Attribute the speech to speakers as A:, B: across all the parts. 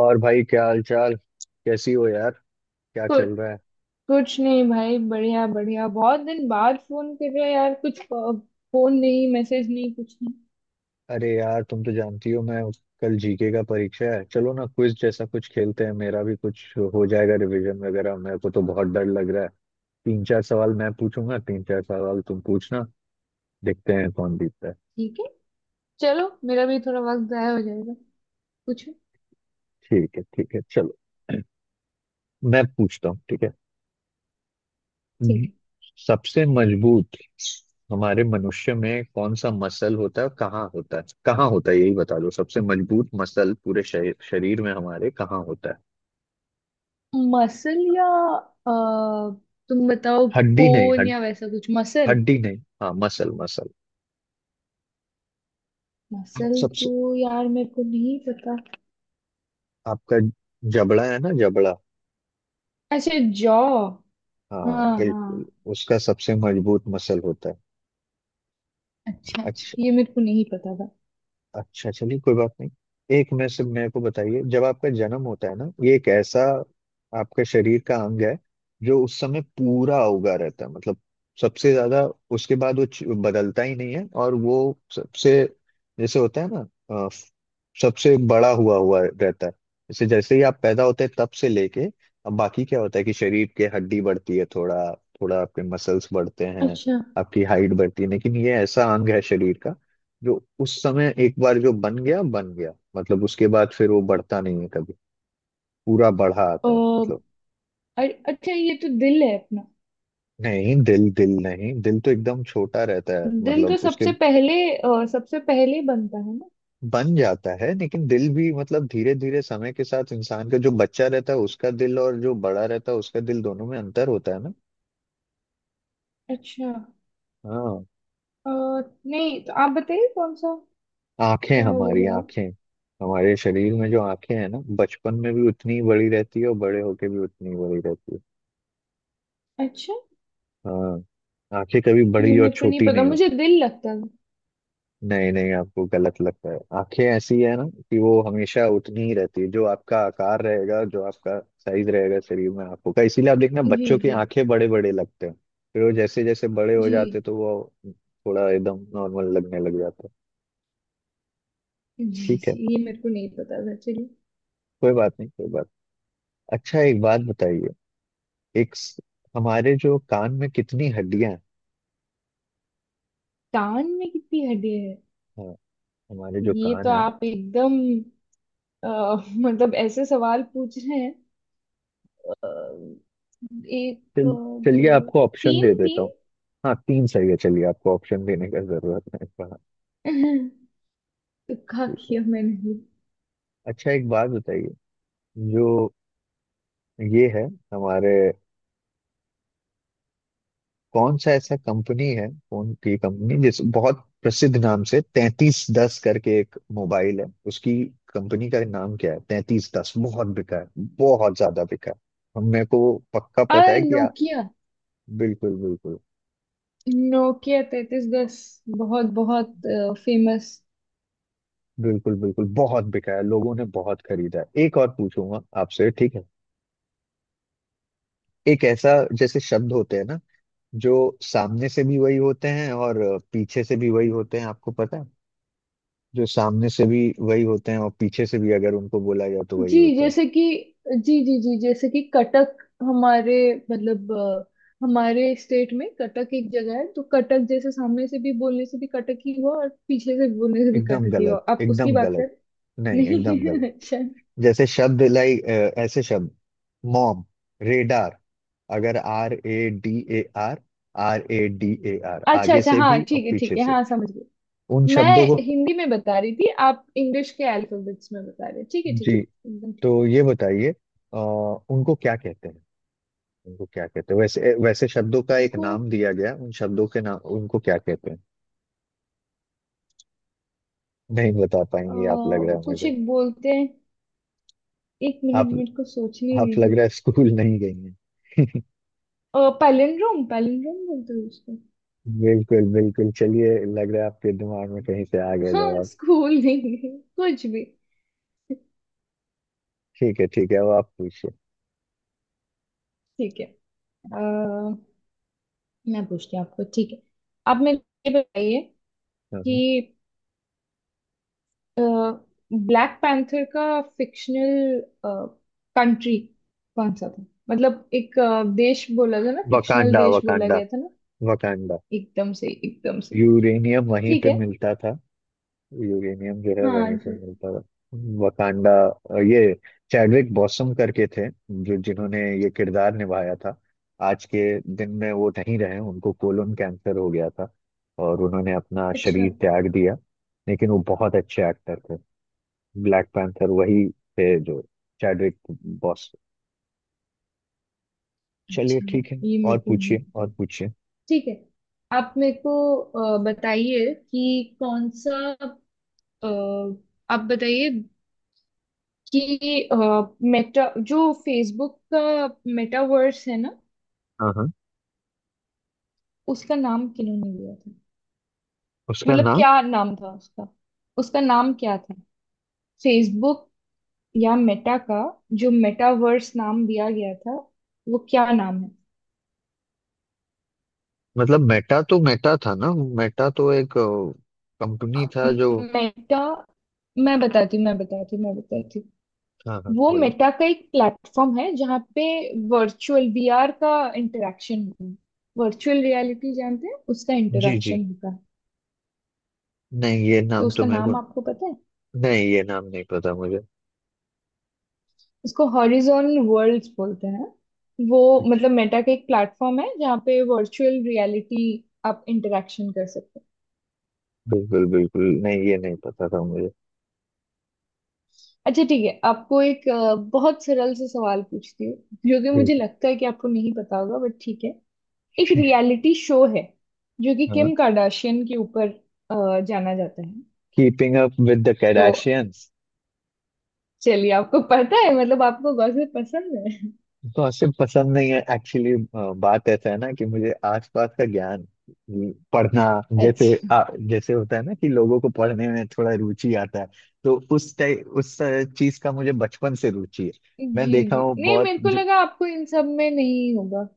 A: और भाई क्या हाल चाल। कैसी हो यार? क्या
B: कुछ
A: चल रहा है?
B: कुछ नहीं भाई बढ़िया बढ़िया बहुत दिन बाद फोन कर रहे हो यार, कुछ फोन नहीं, मैसेज नहीं, कुछ नहीं।
A: अरे यार, तुम तो जानती हो मैं। कल जीके का परीक्षा है, चलो ना क्विज जैसा कुछ खेलते हैं, मेरा भी कुछ हो जाएगा रिवीजन वगैरह। मेरे को तो बहुत डर लग रहा है। तीन चार सवाल मैं पूछूंगा, तीन चार सवाल तुम पूछना। देखते हैं कौन जीतता है।
B: ठीक है, चलो मेरा भी थोड़ा वक्त जाया हो जाएगा। पूछो।
A: ठीक है ठीक है, चलो। मैं पूछता हूँ, ठीक है?
B: ठीक
A: हम्म,
B: है।
A: सबसे मजबूत हमारे मनुष्य में कौन सा मसल होता है? कहाँ होता है? कहाँ होता है, यही बता दो। सबसे मजबूत मसल पूरे शरीर शरीर में हमारे कहाँ होता है?
B: मसल या अ, तुम बताओ।
A: हड्डी नहीं
B: बोन
A: हड,
B: या वैसा कुछ। मसल
A: हड्डी नहीं, हाँ मसल मसल।
B: मसल
A: सबसे
B: तो यार मेरे को नहीं पता।
A: आपका जबड़ा है ना, जबड़ा।
B: अच्छा, जॉ।
A: हाँ
B: हाँ हाँ।
A: बिल्कुल, उसका सबसे मजबूत मसल होता
B: अच्छा
A: है।
B: अच्छा, ये मेरे को नहीं पता था।
A: अच्छा चलिए, कोई बात नहीं। एक में से मेरे को बताइए, जब आपका जन्म होता है ना, ये एक ऐसा आपका शरीर का अंग है जो उस समय पूरा उगा रहता है, मतलब सबसे ज्यादा। उसके बाद वो बदलता ही नहीं है, और वो सबसे जैसे होता है ना, अ, सबसे बड़ा हुआ हुआ रहता है। जैसे जैसे ही आप पैदा होते हैं तब से लेके। अब बाकी क्या होता है कि शरीर के हड्डी बढ़ती है, थोड़ा थोड़ा आपके मसल्स बढ़ते हैं,
B: अच्छा।
A: आपकी हाइट बढ़ती है। लेकिन ये ऐसा अंग है शरीर का जो उस समय एक बार जो बन गया बन गया, मतलब उसके बाद फिर वो बढ़ता नहीं है कभी। पूरा बढ़ा
B: अ,
A: आता है मतलब।
B: अरे अच्छा, ये तो दिल है अपना।
A: नहीं, दिल दिल नहीं, दिल तो एकदम छोटा रहता है
B: दिल तो
A: मतलब उसके।
B: सबसे पहले बनता है ना।
A: बन जाता है, लेकिन दिल भी मतलब धीरे धीरे समय के साथ, इंसान का जो बच्चा रहता है उसका दिल, और जो बड़ा रहता है उसका दिल, दोनों में अंतर होता है ना।
B: अच्छा।
A: हाँ।
B: अ, नहीं तो आप बताइए, कौन सा?
A: आंखें,
B: क्या होगा
A: हमारी
B: जवाब?
A: आंखें। हमारे शरीर में जो आंखें हैं ना, बचपन में भी उतनी ही बड़ी रहती है और बड़े होके भी उतनी ही बड़ी रहती है।
B: अच्छा।
A: हाँ, आंखें कभी
B: ये
A: बड़ी और
B: मेरे को नहीं
A: छोटी
B: पता,
A: नहीं।
B: मुझे दिल लगता है।
A: नहीं नहीं, आपको गलत लगता है। आंखें ऐसी है ना कि वो हमेशा उतनी ही रहती है। जो आपका आकार रहेगा, जो आपका साइज रहेगा शरीर में आंखों का, इसीलिए आप देखना
B: जी
A: बच्चों की
B: जी।
A: आंखें बड़े बड़े लगते हैं। फिर वो जैसे जैसे बड़े हो
B: जी
A: जाते हैं, तो वो थोड़ा एकदम नॉर्मल लगने लग जाता है।
B: जी,
A: ठीक है,
B: जी, ये मेरे को नहीं पता था, चलिए।
A: कोई बात नहीं, कोई बात। अच्छा एक बात बताइए। एक स- हमारे जो कान में कितनी हड्डियां हैं?
B: कान में कितनी हड्डियां है?
A: हाँ, हमारे जो
B: ये
A: कान
B: तो
A: है।
B: आप एकदम अ, मतलब ऐसे सवाल पूछ रहे हैं। अ, एक।
A: चल,
B: दो।
A: चलिए आपको ऑप्शन दे
B: तीन
A: देता
B: तीन।
A: हूँ। हाँ, तीन सही है, चलिए आपको ऑप्शन देने का जरूरत नहीं पड़ा।
B: तो खा किया मैंने भी।
A: अच्छा एक बात बताइए, जो ये है हमारे, कौन सा ऐसा कंपनी है फोन की कंपनी जिस बहुत प्रसिद्ध नाम से 3310 करके एक मोबाइल है, उसकी कंपनी का नाम क्या है? 3310 बहुत बिका है, बहुत ज्यादा बिका है। मेरे को पक्का
B: अ
A: पता है कि
B: नोकिया।
A: बिल्कुल बिल्कुल,
B: नोकिया 3310, बहुत बहुत फेमस।
A: बिल्कुल बिल्कुल बहुत बिका है, लोगों ने बहुत खरीदा है। एक और पूछूंगा आपसे, ठीक है? एक ऐसा जैसे शब्द होते हैं ना जो सामने से भी वही होते हैं और पीछे से भी वही होते हैं, आपको पता है? जो सामने से भी वही होते हैं और पीछे से भी अगर उनको बोला जाए तो वही
B: जी
A: होता है।
B: जैसे कि जी जी जी जैसे कि कटक। हमारे मतलब अ, हमारे स्टेट में कटक एक जगह है, तो कटक जैसे सामने से भी बोलने से भी कटक ही हुआ और पीछे से बोलने से भी
A: एकदम
B: कटक ही
A: गलत,
B: हुआ। आप उसकी
A: एकदम
B: बात
A: गलत।
B: कर।
A: नहीं, एकदम गलत।
B: नहीं अच्छा
A: जैसे शब्द, लाइक, ऐसे शब्द मॉम, रेडार, अगर R A D A R, R A D A R
B: अच्छा।
A: आगे
B: अच्छा,
A: से
B: हाँ
A: भी और
B: ठीक है ठीक
A: पीछे
B: है,
A: से।
B: हाँ समझ गई।
A: उन शब्दों को,
B: मैं हिंदी में बता रही थी, आप इंग्लिश के अल्फाबेट्स में बता रहे। ठीक है ठीक है।
A: जी।
B: एकदम
A: तो
B: ठीक।
A: ये बताइए उनको क्या कहते हैं, उनको क्या कहते हैं? वैसे वैसे शब्दों का
B: है
A: एक
B: उनको।
A: नाम दिया गया, उन शब्दों के नाम उनको क्या कहते हैं? नहीं बता
B: अ,
A: पाएंगे आप, लग रहा है
B: कुछ
A: मुझे।
B: एक बोलते हैं। एक
A: आप
B: मिनट मेरे को सोचने
A: आप लग
B: दीजिए।
A: रहा है स्कूल नहीं गई हैं।
B: पैलिंड्रोम, पैलिंड्रोम बोलते हैं उसको।
A: बिल्कुल बिल्कुल, चलिए लग रहा है आपके दिमाग में कहीं से आ गया
B: हाँ,
A: जवाब।
B: स्कूल नहीं है, कुछ भी।
A: ठीक है ठीक है, अब आप पूछिए।
B: ठीक है। अ, मैं पूछती हूँ आपको, ठीक है। आप मेरे को ये बताइए
A: हाँ, हाँ।
B: कि ब्लैक पैंथर का फिक्शनल कंट्री कौन सा था? मतलब एक देश बोला था ना, फिक्शनल
A: वकांडा,
B: देश बोला
A: वकांडा,
B: गया था ना।
A: वकांडा।
B: एकदम से, एकदम से।
A: यूरेनियम वहीं
B: ठीक
A: पे
B: है।
A: मिलता था, यूरेनियम जो है
B: हाँ
A: वहीं पे
B: जी।
A: मिलता था। वकांडा, ये चैडविक बॉसम करके थे जो जिन्होंने ये किरदार निभाया था। आज के दिन में वो नहीं रहे, उनको कोलन कैंसर हो गया था, और उन्होंने अपना
B: अच्छा।
A: शरीर त्याग दिया। लेकिन वो बहुत अच्छे एक्टर थे। ब्लैक पैंथर वही थे जो, चैडविक बॉस। चलिए
B: अच्छा,
A: ठीक है।
B: ये मेरे
A: और
B: को नहीं
A: पूछिए,
B: पता।
A: और पूछिए।
B: ठीक है। आप मेरे को बताइए कि कौन सा। अ, आप बताइए कि मेटा जो फेसबुक का, मेटावर्स है ना,
A: हाँ हाँ।
B: उसका नाम किन्होंने लिया था?
A: उसका
B: मतलब
A: नाम,
B: क्या नाम था उसका? उसका नाम क्या था? फेसबुक या मेटा का जो मेटावर्स नाम दिया गया था, वो क्या नाम है?
A: मतलब मेटा तो मेटा था ना, मेटा तो एक कंपनी था जो।
B: मेटा। मैं बताती हूँ मैं बताती हूँ मैं बताती हूँ।
A: हाँ हाँ
B: वो
A: बोलिए।
B: मेटा का एक प्लेटफॉर्म है जहाँ पे वर्चुअल VR का इंटरेक्शन होता है। वर्चुअल रियलिटी जानते हैं, उसका
A: जी जी,
B: इंटरेक्शन होता है।
A: नहीं ये
B: तो
A: नाम तो
B: उसका
A: मेरे को,
B: नाम आपको पता है?
A: नहीं ये नाम नहीं पता मुझे।
B: उसको हॉरिजॉन वर्ल्ड्स बोलते हैं। वो मतलब मेटा का एक प्लेटफॉर्म है जहाँ पे वर्चुअल रियलिटी आप इंटरेक्शन कर सकते हैं।
A: बिल्कुल बिल्कुल, नहीं ये नहीं पता था मुझे।
B: अच्छा ठीक है, आपको एक बहुत सरल से सवाल पूछती हूँ जो कि मुझे
A: बिल्कुल।
B: लगता है कि आपको नहीं पता होगा, बट ठीक है। एक रियलिटी शो है जो कि
A: हाँ,
B: किम कार्दाशियन के ऊपर जाना जाता है।
A: कीपिंग अप विद द
B: तो
A: कैडाशियंस।
B: चलिए आपको पता है, मतलब आपको गॉसिप पसंद है।
A: गॉसिप पसंद नहीं है एक्चुअली। बात ऐसा है ना कि मुझे आसपास का ज्ञान, पढ़ना। जैसे
B: अच्छा।
A: जैसे होता है ना कि लोगों को पढ़ने में थोड़ा रुचि आता है। तो उस टाइप, उस चीज का मुझे बचपन से रुचि है। मैं
B: जी
A: देखा
B: जी,
A: हूँ
B: नहीं
A: बहुत
B: मेरे को
A: जो,
B: लगा आपको इन सब में नहीं होगा।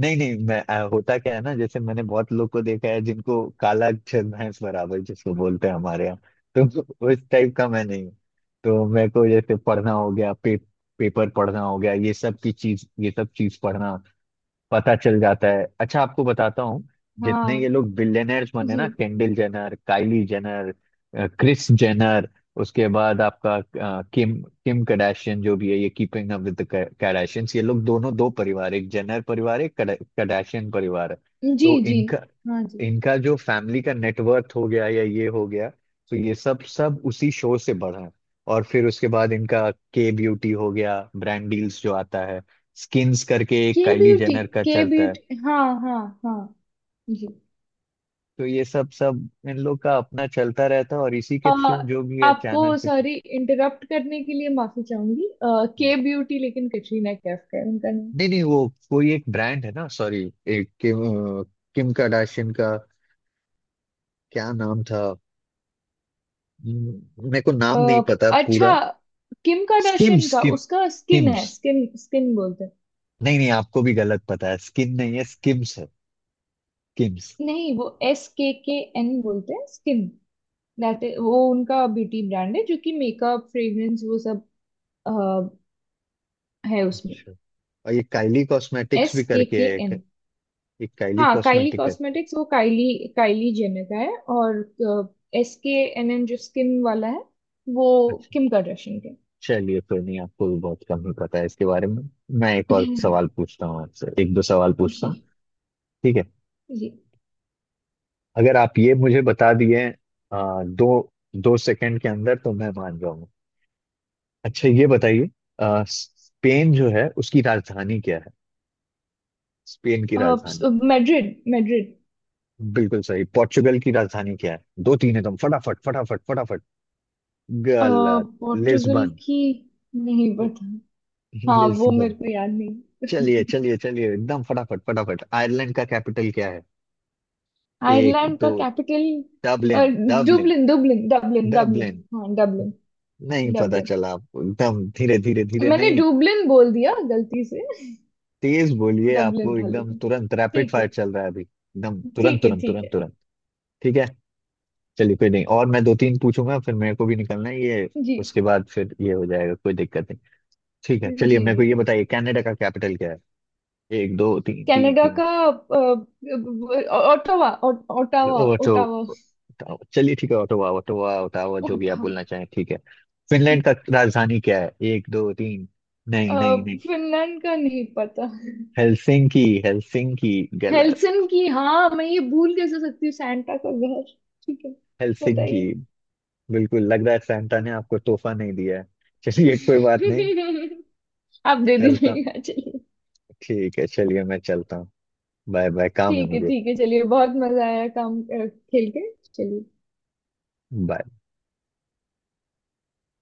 A: नहीं नहीं, मैं होता क्या है ना, जैसे मैंने बहुत लोग को देखा है जिनको काला अक्षर भैंस बराबर जिसको बोलते हैं हमारे यहाँ। तो उस टाइप का मैं नहीं हूँ। तो मेरे को जैसे पढ़ना हो गया, पेपर पढ़ना हो गया, ये सब की चीज, ये सब चीज पढ़ना, पता चल जाता है। अच्छा आपको बताता हूँ, जितने ये
B: हाँ।
A: लोग बिलियनर्स बने
B: जी
A: ना, Kendall Jenner, Kylie Jenner, Kris Jenner, उसके बाद आपका किम, किम कडाशियन जो भी है, ये कीपिंग अप विद कैडाशियंस। ये लोग दोनों, दो परिवार, एक जेनर परिवार, एक कडाशियन परिवार है।
B: जी
A: तो
B: जी।
A: इनका,
B: हाँ जी।
A: इनका जो फैमिली का नेटवर्थ हो गया या ये हो गया, तो ये सब सब उसी शो से बढ़ा है। और फिर उसके बाद इनका के ब्यूटी हो गया, ब्रांड डील्स जो आता है, स्किन्स करके एक
B: के
A: काइली
B: ब्यूटी।
A: जेनर का
B: के
A: चलता है।
B: ब्यूटी, हाँ हाँ। हाँ। जी।
A: तो ये सब सब इन लोग का अपना चलता रहता है, और इसी
B: अ,
A: के थ्रू जो भी है,
B: आपको
A: चैनल के थ्रू।
B: सॉरी, इंटरप्ट करने के लिए माफी चाहूंगी। के ब्यूटी लेकिन कटरीना कैफ है उनका।
A: नहीं नहीं, वो कोई एक ब्रांड है ना। सॉरी, एक किम, अ, किम कार्दाशियन का क्या नाम था? मेरे को
B: अ,
A: नाम नहीं पता
B: अच्छा।
A: पूरा।
B: किम
A: स्किम्स,
B: कार्दाशियन का उसका स्किन है,
A: स्किम्स।
B: स्किन स्किन बोलते हैं।
A: नहीं नहीं, आपको भी गलत पता है, स्किन नहीं है, स्किम्स है। स्किम्स।
B: नहीं, वो SKKN बोलते हैं, स्किन। दैट वो उनका ब्यूटी ब्रांड है जो कि मेकअप, फ्रेग्रेंस वो सब अ, है उसमें।
A: अच्छा, और ये काइली कॉस्मेटिक्स
B: एस
A: भी
B: के
A: करके
B: के
A: है एक,
B: एन
A: एक काइली
B: हाँ काइली
A: कॉस्मेटिक
B: कॉस्मेटिक्स, वो काइली, काइली जेनर का है। और SKNN जो स्किन वाला है, वो
A: है।
B: किम कार्दाशियन का है।
A: चलिए फिर, नहीं आपको भी बहुत कम ही पता है इसके बारे में। मैं एक और सवाल पूछता हूँ आपसे, एक दो सवाल पूछता
B: जी
A: हूँ, ठीक है?
B: जी।
A: अगर आप ये मुझे बता दिए दो दो सेकंड के अंदर, तो मैं मान जाऊंगा। अच्छा ये बताइए, स्पेन जो है उसकी राजधानी क्या है? स्पेन की राजधानी?
B: Madrid Madrid.
A: बिल्कुल सही। पोर्चुगल की राजधानी क्या है? दो तीन, एकदम फटाफट फटाफट फटाफट।
B: अ,
A: गलत,
B: पोर्टुगल
A: लिस्बन,
B: की नहीं पता। हाँ वो
A: लिस्बन।
B: मेरे को याद नहीं।
A: चलिए चलिए चलिए, एकदम फटाफट फटाफट, आयरलैंड का कैपिटल क्या है? एक
B: आयरलैंड
A: दो,
B: का capital.
A: Dublin Dublin,
B: Dublin Dublin Dublin Dublin,
A: Dublin.
B: हाँ डबलिन।
A: नहीं पता
B: डबलिन,
A: चला आपको, एकदम धीरे धीरे धीरे
B: मैंने
A: नहीं,
B: डुबलिन बोल दिया गलती से।
A: तेज बोलिए,
B: डबलिन
A: आपको
B: था
A: एकदम
B: लेकिन।
A: तुरंत, रैपिड
B: ठीक है
A: फायर चल रहा है अभी, एकदम तुरंत
B: ठीक है
A: तुरंत
B: ठीक
A: तुरंत
B: है।
A: तुरंत। ठीक है चलिए, कोई नहीं, और मैं दो तीन पूछूंगा, फिर मेरे को भी निकलना है, ये
B: जी
A: उसके बाद फिर ये हो जाएगा, कोई दिक्कत नहीं। ठीक है
B: जी
A: चलिए,
B: जी।
A: मेरे को ये बताइए, कनाडा का कैपिटल क्या है? एक दो तीन, तीन
B: कनाडा
A: तीन।
B: का ओटावा ओटावा
A: ओटो,
B: ओटावा
A: चलिए ठीक है, ओटावा, ओटावा, ओटावा, जो भी आप
B: ओटावा।
A: बोलना चाहें, ठीक है। फिनलैंड का राजधानी क्या है? एक दो तीन, नहीं नहीं नहीं,
B: फिनलैंड का नहीं पता।
A: Helsinki, Helsinki. गलत,
B: हेल्सन की, हाँ मैं ये भूल कैसे सकती हूँ, सैंटा का घर। ठीक है।
A: हेलसिंकी।
B: बताइए।
A: बिल्कुल, लग रहा है सैंटा ने आपको तोहफा नहीं दिया है, चलिए कोई बात नहीं।
B: आप दे
A: चलता हूँ।
B: दीजिएगा, चलिए।
A: ठीक है चलिए, मैं चलता हूँ, बाय बाय, काम है
B: ठीक है
A: मुझे।
B: ठीक है, चलिए बहुत मजा आया, काम खेल के, चलिए।
A: Bye.